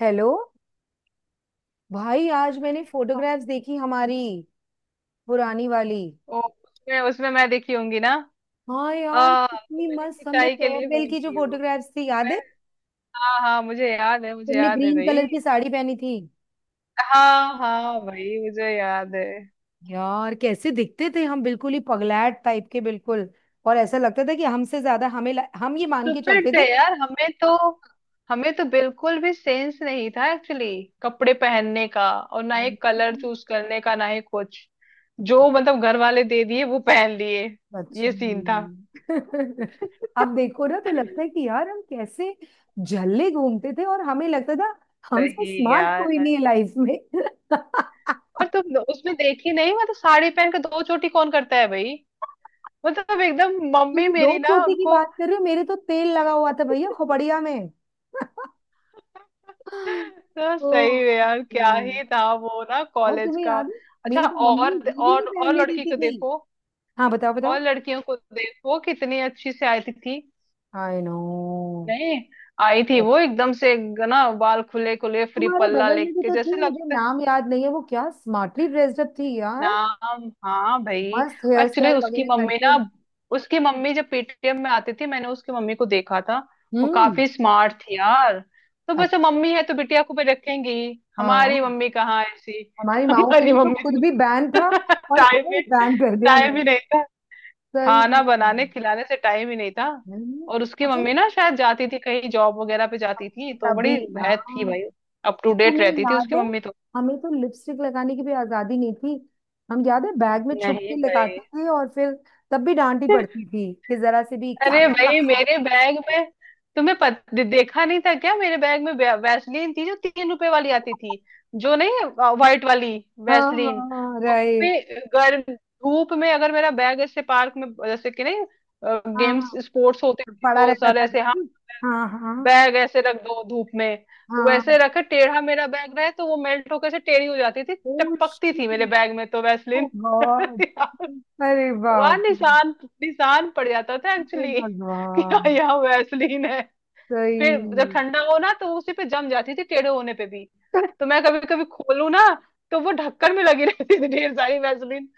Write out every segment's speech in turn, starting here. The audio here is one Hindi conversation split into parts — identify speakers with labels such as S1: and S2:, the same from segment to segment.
S1: हेलो। भाई आज मैंने फोटोग्राफ्स देखी हमारी पुरानी वाली।
S2: ओ उसमें उसमें मैं दिखी होंगी ना।
S1: हाँ यार,
S2: तो
S1: कितनी
S2: मैंने
S1: मस्त हमने
S2: खिंचाई के लिए
S1: फेयरवेल
S2: फोन
S1: की, जो
S2: किया हो
S1: फोटोग्राफ्स थी याद
S2: मैं।
S1: है।
S2: हाँ हाँ मुझे याद है, मुझे
S1: तुमने
S2: याद है
S1: ग्रीन कलर
S2: भाई।
S1: की साड़ी पहनी थी।
S2: हाँ
S1: हाँ
S2: हाँ
S1: हाँ।
S2: भाई मुझे याद है।
S1: यार, कैसे दिखते थे हम, बिल्कुल ही पगलैट टाइप के, बिल्कुल। और ऐसा लगता था कि हमसे ज्यादा हमें हम ये मान के
S2: स्टूपिड
S1: चलते
S2: थे यार, हमें तो बिल्कुल भी सेंस नहीं था एक्चुअली। कपड़े पहनने का और ना ही
S1: थे।
S2: कलर चूज करने का ना ही कुछ। जो मतलब घर वाले दे दिए वो पहन लिए।
S1: सच
S2: ये सीन था।
S1: में। अब देखो ना, तो लगता है कि यार हम कैसे झल्ले घूमते थे, और हमें लगता था हमसे
S2: सही
S1: स्मार्ट कोई
S2: यार।
S1: नहीं है लाइफ में।
S2: और तुम उसमें देखी नहीं, मतलब साड़ी पहन के दो चोटी कौन करता है भाई? मतलब एकदम मम्मी
S1: तुम दो
S2: मेरी ना,
S1: छोटे की
S2: उनको।
S1: बात कर रहे हो, मेरे तो तेल लगा हुआ था भैया खोपड़िया में।
S2: तो सही
S1: ओ।
S2: है यार, क्या ही था वो ना
S1: और
S2: कॉलेज
S1: तुम्हें
S2: का।
S1: याद है,
S2: अच्छा
S1: मेरी तो मम्मी
S2: और
S1: ये भी
S2: और
S1: नहीं
S2: और
S1: पहनने
S2: लड़की
S1: देती
S2: को
S1: थी।
S2: देखो।
S1: हाँ, बताओ
S2: और
S1: बताओ।
S2: लड़कियों को देखो कितनी अच्छी से आई थी।
S1: I know.
S2: नहीं। आई थी वो एकदम से। ना बाल खुले खुले फ्री
S1: तुम्हारे
S2: पल्ला
S1: बगल में भी
S2: लेके
S1: तो थी,
S2: जैसे
S1: मुझे
S2: लगता।
S1: नाम याद नहीं है, वो क्या स्मार्टली ड्रेस्ड अप थी,
S2: नाम हाँ भाई।
S1: मस्त हेयर
S2: एक्चुअली
S1: स्टाइल
S2: उसकी
S1: वगैरह
S2: मम्मी
S1: करके।
S2: ना, उसकी मम्मी जब पेटीएम में आती थी, मैंने उसकी मम्मी को देखा था। वो
S1: हम्म।
S2: काफी स्मार्ट थी यार। तो बस वो
S1: अच्छा।
S2: मम्मी है तो बिटिया को भी रखेंगी। हमारी
S1: हाँ।
S2: मम्मी कहाँ ऐसी।
S1: हमारी माओ के
S2: हमारी
S1: लिए तो
S2: मम्मी
S1: खुद
S2: तो,
S1: भी बैन था, और
S2: टाइम
S1: हमें
S2: ही,
S1: बैन कर दिया
S2: टाइम
S1: उन्होंने।
S2: ही नहीं था।
S1: सही
S2: खाना बनाने
S1: में।
S2: खिलाने से टाइम ही नहीं था।
S1: नहीं,
S2: और उसकी
S1: मुझे
S2: मम्मी ना शायद जाती थी कहीं, जॉब वगैरह पे जाती थी तो बड़ी
S1: तभी ना।
S2: है थी भाई। अप टू डेट
S1: तुम्हें
S2: रहती थी
S1: याद
S2: उसकी
S1: है,
S2: मम्मी तो।
S1: हमें तो लिपस्टिक लगाने की भी आजादी नहीं थी। हम, याद है, बैग में छुप
S2: नहीं
S1: के लगाते
S2: भाई।
S1: थे, और फिर तब भी डांटी पड़ती थी कि जरा से भी क्या
S2: अरे
S1: कर
S2: भाई
S1: रखा है।
S2: मेरे बैग में, देखा नहीं था क्या, मेरे बैग में वैसलीन थी जो 3 रुपए वाली आती थी। जो नहीं, व्हाइट वाली
S1: हाँ।
S2: वैसलीन।
S1: हाँ
S2: वो
S1: रहे।
S2: भी, गर्म धूप में अगर मेरा बैग ऐसे पार्क में जैसे कि नहीं,
S1: हाँ
S2: गेम्स
S1: हाँ,
S2: स्पोर्ट्स होते थे
S1: पड़ा
S2: तो
S1: रहता
S2: सर
S1: था
S2: ऐसे हाँ,
S1: जादू। हाँ हाँ
S2: बैग ऐसे रख दो धूप में, तो वैसे
S1: हाँ।
S2: रखे टेढ़ा मेरा बैग रहे तो वो मेल्ट होकर से टेढ़ी हो जाती थी।
S1: ओ,
S2: टपकती
S1: shit।
S2: थी मेरे बैग में तो
S1: ओ
S2: वैसलीन।
S1: गॉड। अरे
S2: वहां
S1: बाप रे।
S2: निशान, निशान पड़ जाता था
S1: हे
S2: एक्चुअली, कि
S1: भगवान।
S2: हाँ यहाँ वैसलीन है। फिर जब
S1: सही।
S2: ठंडा हो ना तो उसी पे जम जाती थी टेढ़े होने पे भी। तो मैं कभी कभी खोलू ना तो वो ढक्कन में लगी रहती थी ढेर सारी वैसलीन।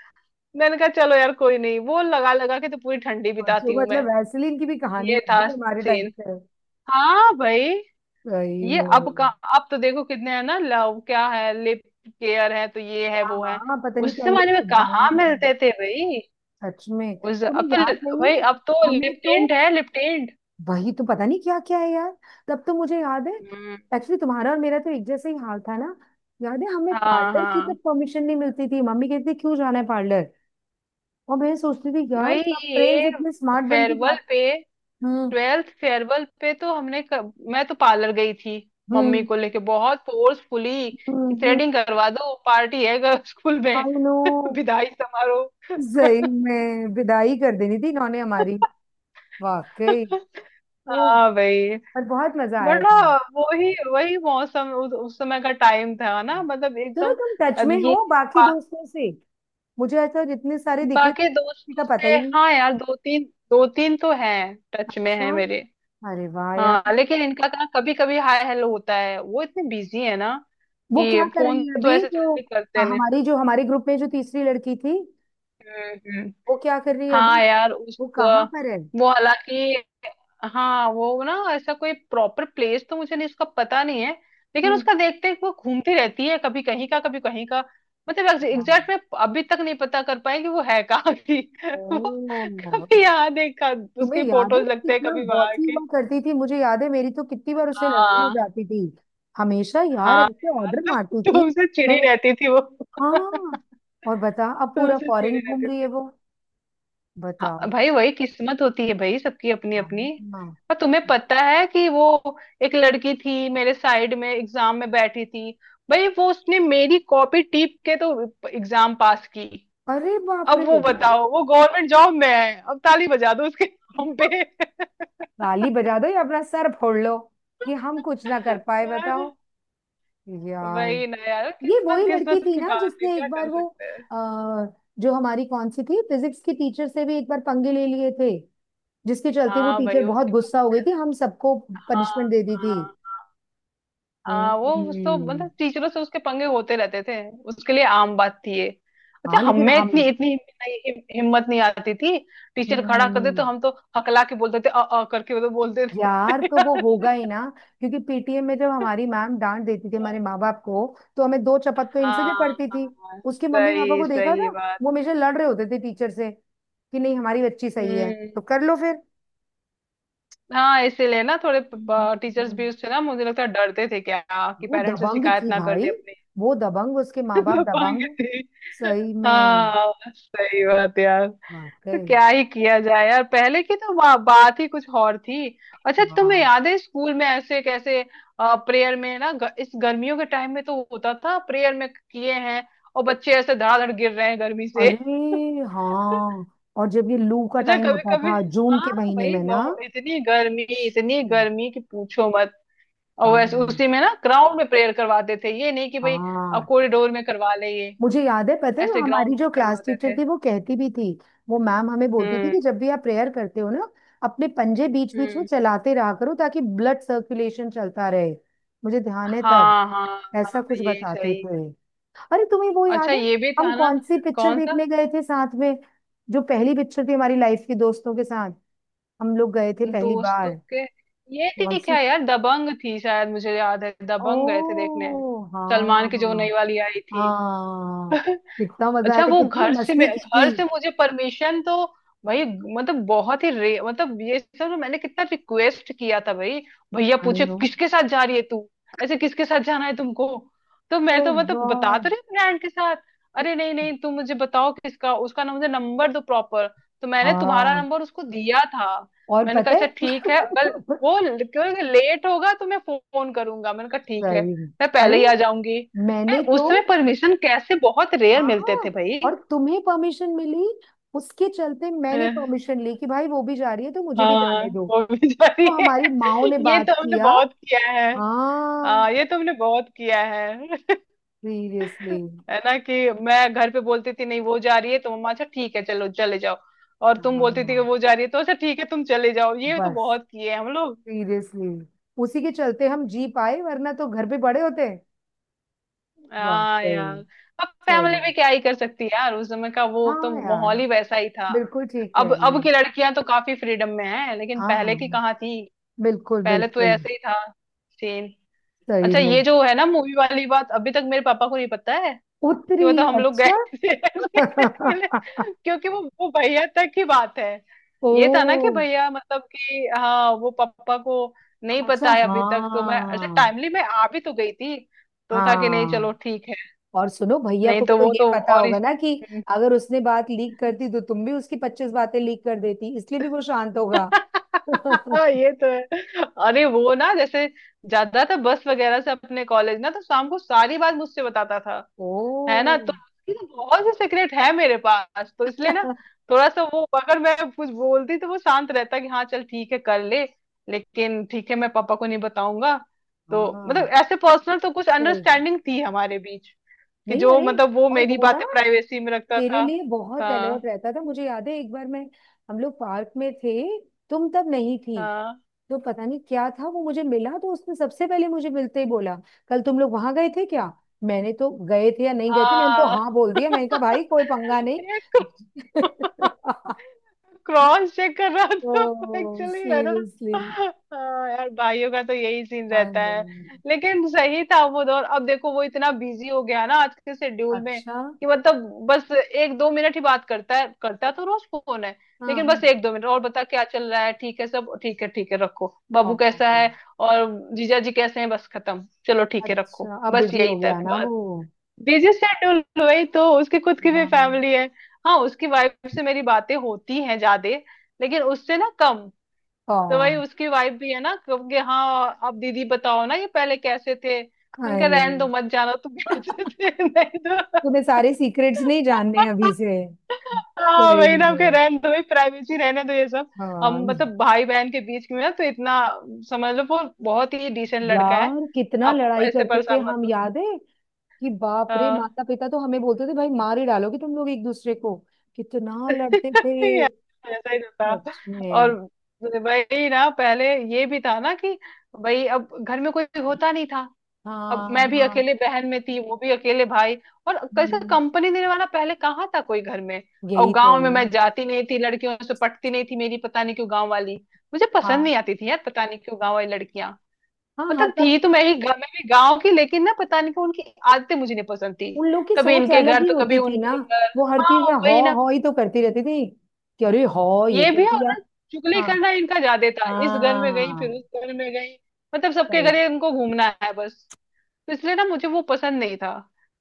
S2: मैंने कहा चलो यार कोई नहीं, वो लगा लगा के तो पूरी ठंडी
S1: सोचो,
S2: बिताती हूँ
S1: मतलब
S2: मैं।
S1: वैसलीन की भी कहानी
S2: ये
S1: बन
S2: था
S1: गई हमारे टाइम
S2: सीन।
S1: पे।
S2: हाँ भाई,
S1: सही
S2: ये
S1: में।
S2: अब का। अब तो देखो कितने है ना, लव क्या है, लिप केयर है, तो ये है
S1: हाँ
S2: वो है।
S1: हाँ, पता नहीं
S2: उस
S1: क्या
S2: जमाने
S1: लिख
S2: में कहाँ
S1: बाम।
S2: मिलते थे भाई।
S1: सच में
S2: उस अब
S1: तुम्हें
S2: तो,
S1: याद नहीं
S2: भाई
S1: है।
S2: अब तो
S1: हमें
S2: लिप
S1: तो
S2: टिंट है, लिप टिंट।
S1: वही तो पता नहीं क्या क्या है यार। तब तो मुझे याद है,
S2: हम्म।
S1: एक्चुअली तुम्हारा और मेरा तो एक जैसे ही हाल था ना। याद है, हमें
S2: हाँ
S1: पार्लर की
S2: हाँ
S1: तक परमिशन नहीं मिलती थी, मम्मी कहती थी क्यों जाना है पार्लर। और मैं सोचती थी यार,
S2: भाई,
S1: सब फ्रेंड्स
S2: ये
S1: इतने स्मार्ट बन के जा।
S2: फेयरवेल पे,
S1: हम्म।
S2: 12th फेयरवेल पे तो मैं तो पार्लर गई थी, मम्मी
S1: हम्म।
S2: को लेके बहुत फोर्सफुली कि
S1: हम्म।
S2: थ्रेडिंग करवा दो, पार्टी है गर्ल्स स्कूल में।
S1: I no.
S2: विदाई समारोह।
S1: सही में विदाई कर देनी थी इन्होंने हमारी। वाकई। तो
S2: हाँ भाई,
S1: पर बहुत मजा आया
S2: बड़ा
S1: था।
S2: वही वही मौसम उस समय का, टाइम था ना मतलब
S1: चलो,
S2: एकदम।
S1: तुम टच
S2: अब
S1: में
S2: ये,
S1: हो बाकी दोस्तों से। मुझे ऐसा जितने सारे दिख रहे थे,
S2: बाकी
S1: किसी का
S2: दोस्तों
S1: पता
S2: से
S1: ही नहीं।
S2: हाँ यार, दो तीन, दो तीन तो हैं टच में है
S1: अच्छा।
S2: मेरे।
S1: अरे वाह
S2: हाँ
S1: यार।
S2: लेकिन इनका ना कभी कभी हाय हेलो होता है, वो इतने बिजी है ना
S1: वो
S2: कि
S1: क्या कर
S2: फोन
S1: रही है
S2: तो
S1: अभी
S2: ऐसे
S1: तो।
S2: जल्दी करते
S1: हाँ,
S2: नहीं।
S1: हमारी जो हमारे ग्रुप में जो तीसरी लड़की थी,
S2: हम्म हम्म।
S1: वो क्या कर रही है
S2: हाँ
S1: अभी,
S2: यार उस,
S1: वो कहाँ पर है।
S2: वो हालांकि, हाँ वो ना ऐसा कोई प्रॉपर प्लेस तो मुझे नहीं, इसका पता नहीं है। लेकिन
S1: हम्म।
S2: उसका देखते हैं कि वो घूमती रहती है कभी कहीं का कभी कहीं का, मतलब
S1: हाँ।
S2: एग्जैक्ट में अभी तक नहीं पता कर पाए कि वो है कहाँ की। वो
S1: ओह।
S2: कभी यहाँ देखा,
S1: तुम्हें
S2: उसकी
S1: याद है, मैं
S2: फोटोज लगते हैं
S1: कितना
S2: कभी वहां
S1: बॉसी हुआ
S2: की।
S1: करती थी, मुझे याद है मेरी तो कितनी बार उससे लड़ाई हो
S2: हाँ,
S1: जाती थी, हमेशा यार
S2: हाँ
S1: ऐसे
S2: यार
S1: ऑर्डर
S2: तुम,
S1: मारती थी।
S2: तुमसे चिड़ी
S1: मैंने,
S2: रहती थी वो,
S1: हाँ। और बता, अब पूरा
S2: तुमसे चिड़ी
S1: फॉरेन घूम
S2: रहती
S1: रही है
S2: थी।
S1: वो, बताओ।
S2: हाँ भाई, वही किस्मत होती है भाई सबकी अपनी
S1: हाँ।
S2: अपनी।
S1: हाँ।
S2: और तुम्हें पता है कि वो, एक लड़की थी मेरे साइड में एग्जाम में बैठी थी, भाई वो उसने मेरी कॉपी टीप के तो एग्जाम पास की।
S1: अरे बाप
S2: अब वो
S1: रे।
S2: बताओ, वो गवर्नमेंट जॉब में है, अब ताली बजा दो उसके नाम पे।
S1: ताली बजा दो या अपना सर फोड़ लो, कि हम कुछ ना कर पाए, बताओ यार।
S2: वही ना यार,
S1: ये वही
S2: किस्मत
S1: लड़की
S2: किस्मत
S1: थी
S2: की
S1: ना,
S2: बात है,
S1: जिसने
S2: क्या
S1: एक
S2: कर
S1: बार वो
S2: सकते हैं।
S1: आ, जो हमारी कौन सी थी फिजिक्स की टीचर से भी एक बार पंगे ले लिए थे, जिसके चलते वो
S2: हाँ
S1: टीचर
S2: भाई
S1: बहुत
S2: उसकी तो,
S1: गुस्सा हो गई थी, हम सबको
S2: हाँ
S1: पनिशमेंट दे दी थी।
S2: हाँ, वो उस तो
S1: हम्म।
S2: मतलब टीचरों से उसके पंगे होते रहते थे, उसके लिए आम बात थी ये। अच्छा
S1: हाँ लेकिन
S2: हमें
S1: हम।
S2: इतनी इतनी हिम्मत नहीं आती थी। टीचर खड़ा कर दे
S1: हम्म।
S2: तो हम तो हकला के बोलते थे, अ अ करके वो तो बोलते
S1: यार तो वो
S2: थे।
S1: होगा ही ना, क्योंकि पीटीएम में जब हमारी मैम डांट देती थी हमारे माँ बाप को, तो हमें दो चपत तो इनसे भी
S2: हाँ
S1: पड़ती थी।
S2: हाँ
S1: उसके मम्मी पापा
S2: सही
S1: को देखा
S2: सही
S1: था,
S2: बात।
S1: वो हमेशा लड़ रहे होते थे टीचर से कि नहीं हमारी बच्ची सही है,
S2: हम्म।
S1: तो कर लो फिर।
S2: हाँ इसीलिए ना, थोड़े
S1: हम्म।
S2: टीचर्स भी
S1: हम्म।
S2: उससे ना मुझे लगता है डरते थे क्या, कि
S1: वो
S2: पेरेंट्स से
S1: दबंग
S2: शिकायत
S1: थी
S2: ना कर
S1: भाई।
S2: दे अपने।
S1: वो दबंग, उसके माँ बाप दबंग।
S2: पाएंगे थे।
S1: सही में।
S2: हाँ सही बात यार, तो
S1: वाकई।
S2: क्या ही किया जाए यार, पहले की तो बात ही कुछ और थी। अच्छा तुम्हें
S1: हाँ।
S2: याद है स्कूल में ऐसे कैसे, प्रेयर में ना इस गर्मियों के टाइम में तो होता था प्रेयर में किए हैं, और बच्चे ऐसे धड़ाधड़ गिर रहे हैं गर्मी से।
S1: अरे हाँ। और जब ये लू का
S2: अच्छा
S1: टाइम
S2: कभी
S1: होता
S2: कभी,
S1: था जून
S2: हाँ
S1: के महीने
S2: भाई
S1: में ना।
S2: बहुत, इतनी
S1: हम्म।
S2: गर्मी कि पूछो मत। और वैसे
S1: हाँ
S2: उसी में ना ग्राउंड में प्रेयर करवाते थे, ये नहीं कि भाई अब
S1: हाँ,
S2: कॉरिडोर में करवा ले ये,
S1: मुझे याद है, पता है
S2: ऐसे
S1: हमारी
S2: ग्राउंड में
S1: जो क्लास
S2: करवाते
S1: टीचर
S2: थे।
S1: थी वो कहती भी थी, वो मैम हमें बोलती थी
S2: हम्म
S1: कि जब भी आप प्रेयर करते हो ना, अपने पंजे बीच बीच में
S2: हम्म।
S1: चलाते रहा करो ताकि ब्लड सर्कुलेशन चलता रहे। मुझे ध्यान है, तब
S2: हाँ हाँ हाँ,
S1: ऐसा कुछ
S2: ये
S1: बताते
S2: सही।
S1: थे। अरे, तुम्हें वो
S2: अच्छा
S1: याद है,
S2: ये भी
S1: हम
S2: था ना,
S1: कौन सी पिक्चर
S2: कौन सा,
S1: देखने गए थे साथ में, जो पहली पिक्चर थी हमारी लाइफ की, दोस्तों के साथ हम लोग गए थे पहली
S2: दोस्तों
S1: बार।
S2: के, ये
S1: कौन
S2: थी
S1: सी।
S2: क्या यार, दबंग थी शायद, मुझे याद है, दबंग गए थे देखने,
S1: ओ हाँ
S2: सलमान की जो नई
S1: हाँ
S2: वाली आई थी।
S1: हाँ। कितना मजा आया
S2: अच्छा
S1: था,
S2: वो,
S1: कितनी मस्ती की थी।
S2: घर से मुझे परमिशन तो, भाई मतलब बहुत ही रे, मतलब ये सब ना मैंने कितना रिक्वेस्ट किया था भाई। भैया
S1: आई
S2: पूछे
S1: नो।
S2: किसके साथ जा रही है तू, ऐसे किसके साथ जाना है तुमको? तो
S1: ओ
S2: मैं तो मतलब बता तो
S1: गॉड।
S2: रही हूँ फ्रेंड के साथ। अरे नहीं नहीं तुम मुझे बताओ किसका, उसका ना मुझे नंबर दो प्रॉपर। तो मैंने तुम्हारा
S1: हाँ,
S2: नंबर उसको दिया था।
S1: और
S2: मैंने कहा
S1: पता
S2: अच्छा ठीक है, अगर
S1: है।
S2: वो लेट होगा तो मैं फोन करूंगा, मैंने कहा ठीक है,
S1: सही में।
S2: मैं पहले
S1: अरे,
S2: ही आ जाऊंगी।
S1: मैंने
S2: नहीं,
S1: तो,
S2: उसमें परमिशन कैसे, बहुत रेयर मिलते थे
S1: हाँ।
S2: भाई।
S1: और तुम्हें परमिशन मिली, उसके चलते मैंने परमिशन ली कि भाई वो भी जा रही है तो मुझे भी
S2: हाँ
S1: जाने दो।
S2: वो भी सही
S1: तो
S2: है।
S1: हमारी माओ ने
S2: ये तो
S1: बात
S2: हमने
S1: किया।
S2: बहुत किया है। हाँ
S1: हाँ।
S2: ये तो हमने बहुत किया है।
S1: सीरियसली।
S2: है ना कि मैं घर पे बोलती थी नहीं वो जा रही है तो, मम्मा अच्छा ठीक है चलो चले जाओ। और तुम बोलती थी कि
S1: हाँ
S2: वो जा रही है तो अच्छा ठीक है तुम चले जाओ। ये तो
S1: बस।
S2: बहुत किए हैं हम लोग।
S1: सीरियसली, उसी के चलते हम जी पाए, वरना तो घर पे पड़े होते।
S2: हाँ
S1: वाकई।
S2: यार, अब फैमिली
S1: सही।
S2: भी क्या ही कर सकती है यार, उस समय का वो तो
S1: हाँ यार,
S2: माहौल ही वैसा ही था।
S1: बिल्कुल ठीक कह रही
S2: अब
S1: है।
S2: की लड़कियां तो काफी फ्रीडम में है, लेकिन
S1: हाँ हाँ
S2: पहले की
S1: हाँ,
S2: कहाँ थी।
S1: बिल्कुल
S2: पहले तो
S1: बिल्कुल।
S2: ऐसे ही था, सेम।
S1: सही
S2: अच्छा
S1: में।
S2: ये जो है ना मूवी वाली बात, अभी तक मेरे पापा को नहीं पता है कि
S1: उत्तरी।
S2: वो तो हम लोग गए
S1: अच्छा।
S2: थे ऐसे मिले। क्योंकि वो भैया तक की बात है, ये था ना कि
S1: ओ।
S2: भैया मतलब कि हाँ, वो पापा को नहीं
S1: अच्छा
S2: पता है अभी तक। तो मैं अच्छा
S1: हाँ।
S2: टाइमली मैं आ भी तो गई थी तो था कि नहीं चलो
S1: हाँ,
S2: ठीक है।
S1: और सुनो, भैया
S2: नहीं
S1: को भी
S2: तो
S1: तो
S2: वो
S1: ये
S2: तो
S1: पता
S2: और
S1: होगा
S2: इस।
S1: ना कि अगर उसने बात लीक करती, तो तुम भी उसकी पच्चीस बातें लीक कर देती, इसलिए भी वो शांत होगा।
S2: हाँ, ये तो है। अरे वो ना, जैसे जाता था बस वगैरह से अपने कॉलेज ना, तो शाम को सारी बात मुझसे बताता था
S1: ओ।
S2: है ना, तो उसकी तो बहुत से सीक्रेट है मेरे पास, तो इसलिए ना थोड़ा सा वो, अगर मैं कुछ बोलती तो वो शांत रहता, कि हाँ चल ठीक है कर ले, लेकिन ठीक है मैं पापा को नहीं बताऊंगा। तो मतलब
S1: हाँ,
S2: ऐसे पर्सनल तो कुछ
S1: सही।
S2: अंडरस्टैंडिंग थी हमारे बीच, कि
S1: नहीं,
S2: जो
S1: अरे,
S2: मतलब वो
S1: और
S2: मेरी
S1: वो ना
S2: बातें प्राइवेसी में रखता
S1: तेरे
S2: था।
S1: लिए बहुत
S2: हाँ
S1: अलर्ट रहता था, मुझे याद है एक बार मैं, हम लोग पार्क में थे, तुम तब नहीं थी,
S2: हाँ
S1: तो पता नहीं क्या था, वो मुझे मिला तो उसने सबसे पहले मुझे मिलते ही बोला, कल तुम लोग वहां गए थे क्या। मैंने तो गए थे या नहीं गए थे, मैंने तो
S2: हाँ,
S1: हाँ बोल दिया, मैंने कहा भाई कोई पंगा नहीं।
S2: ये क्रॉस चेक कर रहा था
S1: ओ
S2: एक्चुअली, है ना।
S1: सीरियसली।
S2: हाँ यार, भाइयों का तो यही सीन
S1: आई
S2: रहता
S1: नो।
S2: है। लेकिन सही था वो दौर, अब देखो वो इतना बिजी हो गया ना आज के शेड्यूल में
S1: अच्छा
S2: कि मतलब बस एक दो मिनट ही बात करता है, करता तो रोज फोन है,
S1: हाँ
S2: लेकिन
S1: हाँ।
S2: बस एक दो मिनट, और बता क्या चल रहा है, ठीक है, सब ठीक है, ठीक है रखो,
S1: ओ,
S2: बाबू कैसा है और जीजा जी कैसे हैं, बस खत्म, चलो ठीक है रखो,
S1: अच्छा, अब
S2: बस
S1: बिजी
S2: यही
S1: हो गया
S2: तक।
S1: ना वो।
S2: बिजी शेड्यूल, वही तो उसके खुद की भी
S1: हाँ
S2: फैमिली है। हाँ उसकी वाइफ से मेरी बातें होती हैं ज्यादा, लेकिन उससे ना कम। तो वही
S1: हाँ।
S2: उसकी वाइफ भी है ना कब कि हाँ, अब दीदी बताओ ना ये पहले कैसे थे, मैंने कहा
S1: अरे,
S2: रहने दो, मत जाना तुम कैसे थे, नहीं
S1: तुम्हें
S2: तो।
S1: सारे सीक्रेट्स नहीं जानने अभी से।
S2: हाँ
S1: सही
S2: वही ना के
S1: में।
S2: रहने दो, प्राइवेसी रहने दो ये सब। हम
S1: हाँ
S2: मतलब भाई बहन के बीच में ना तो इतना, समझ लो वो बहुत ही डिसेंट लड़का है,
S1: यार, कितना
S2: आप
S1: लड़ाई
S2: ऐसे
S1: करते थे
S2: परेशान मत
S1: हम,
S2: हो।
S1: याद है कि बाप रे,
S2: हाँ।
S1: माता पिता तो हमें बोलते थे भाई मार ही डालोगे तुम लोग एक दूसरे को, कितना लड़ते थे।
S2: यार ऐसा ही तो था।
S1: सच
S2: और
S1: में।
S2: भाई ना पहले, ये भी था ना कि भाई अब घर में कोई होता नहीं था, अब
S1: हाँ
S2: मैं भी
S1: हाँ।
S2: अकेले बहन में थी वो भी अकेले भाई, और कैसे
S1: हम्म,
S2: कंपनी देने वाला पहले कहाँ था कोई घर में। और
S1: यही तो
S2: गांव में
S1: ना।
S2: मैं जाती नहीं थी, लड़कियों से पटती नहीं थी मेरी, पता नहीं क्यों गांव वाली मुझे पसंद नहीं
S1: हाँ
S2: आती थी यार, पता नहीं क्यों गांव वाली लड़कियां,
S1: हाँ हाँ,
S2: मतलब
S1: तब
S2: थी तो मैं ही, मैं भी गांव की, लेकिन ना पता नहीं क्यों उनकी आदतें मुझे नहीं पसंद थी।
S1: उन लोग की
S2: कभी
S1: सोच
S2: इनके
S1: अलग
S2: घर
S1: ही
S2: तो कभी
S1: होती थी ना।
S2: उनके घर,
S1: वो हर चीज
S2: हाँ
S1: में हौ
S2: वही ना,
S1: हौ ही तो करती रहती थी, कि अरे हौ ये
S2: ये
S1: कर
S2: भी है और
S1: दिया।
S2: ना, चुगली
S1: हाँ।
S2: करना इनका ज्यादा था, इस घर में गई फिर
S1: हाँ,
S2: उस घर में गई, मतलब सबके
S1: सही।
S2: घर ये इनको घूमना है बस। तो इसलिए ना मुझे वो पसंद नहीं था,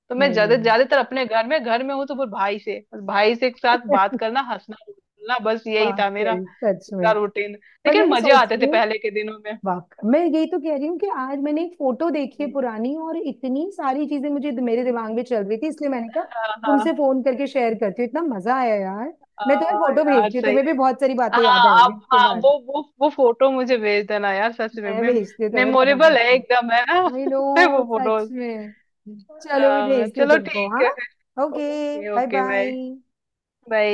S2: तो मैं
S1: नहीं नहीं।
S2: ज्यादातर अपने घर में हूँ, तो फिर भाई से, बस भाई से के साथ बात करना हंसना बोलना, बस यही
S1: वाह,
S2: था मेरा
S1: सही, सच
S2: पूरा
S1: में।
S2: रूटीन।
S1: पर
S2: लेकिन
S1: मैंने
S2: मजे
S1: सोच
S2: आते
S1: रही
S2: थे
S1: हूँ।
S2: पहले के दिनों में।
S1: वाह। मैं यही तो कह रही हूँ कि आज मैंने एक फोटो देखी है
S2: हम्म।
S1: पुरानी, और इतनी सारी चीजें मुझे मेरे दिमाग में चल रही थी, इसलिए मैंने कहा
S2: हाँ
S1: तुमसे
S2: हाँ।
S1: फोन करके शेयर करती हूँ, इतना मजा आया यार। मैं तुम्हें
S2: हाँ
S1: फोटो
S2: यार
S1: भेजती हूँ,
S2: सही।
S1: तुम्हें भी बहुत सारी बातें याद
S2: हाँ,
S1: आएंगी
S2: आप
S1: इसके
S2: हाँ,
S1: बाद।
S2: वो फोटो मुझे भेज देना यार सच में,
S1: मैं भेजती हूँ, तुम्हें पता
S2: मेमोरेबल है
S1: पड़ती।
S2: एकदम, है ना,
S1: आई नो।
S2: वो फोटो।
S1: सच में। चलो, मैं भेजती हूँ
S2: चलो
S1: तुमको,
S2: ठीक
S1: हाँ।
S2: है।
S1: Okay,
S2: okay,
S1: bye
S2: okay bye,
S1: bye.
S2: Bye.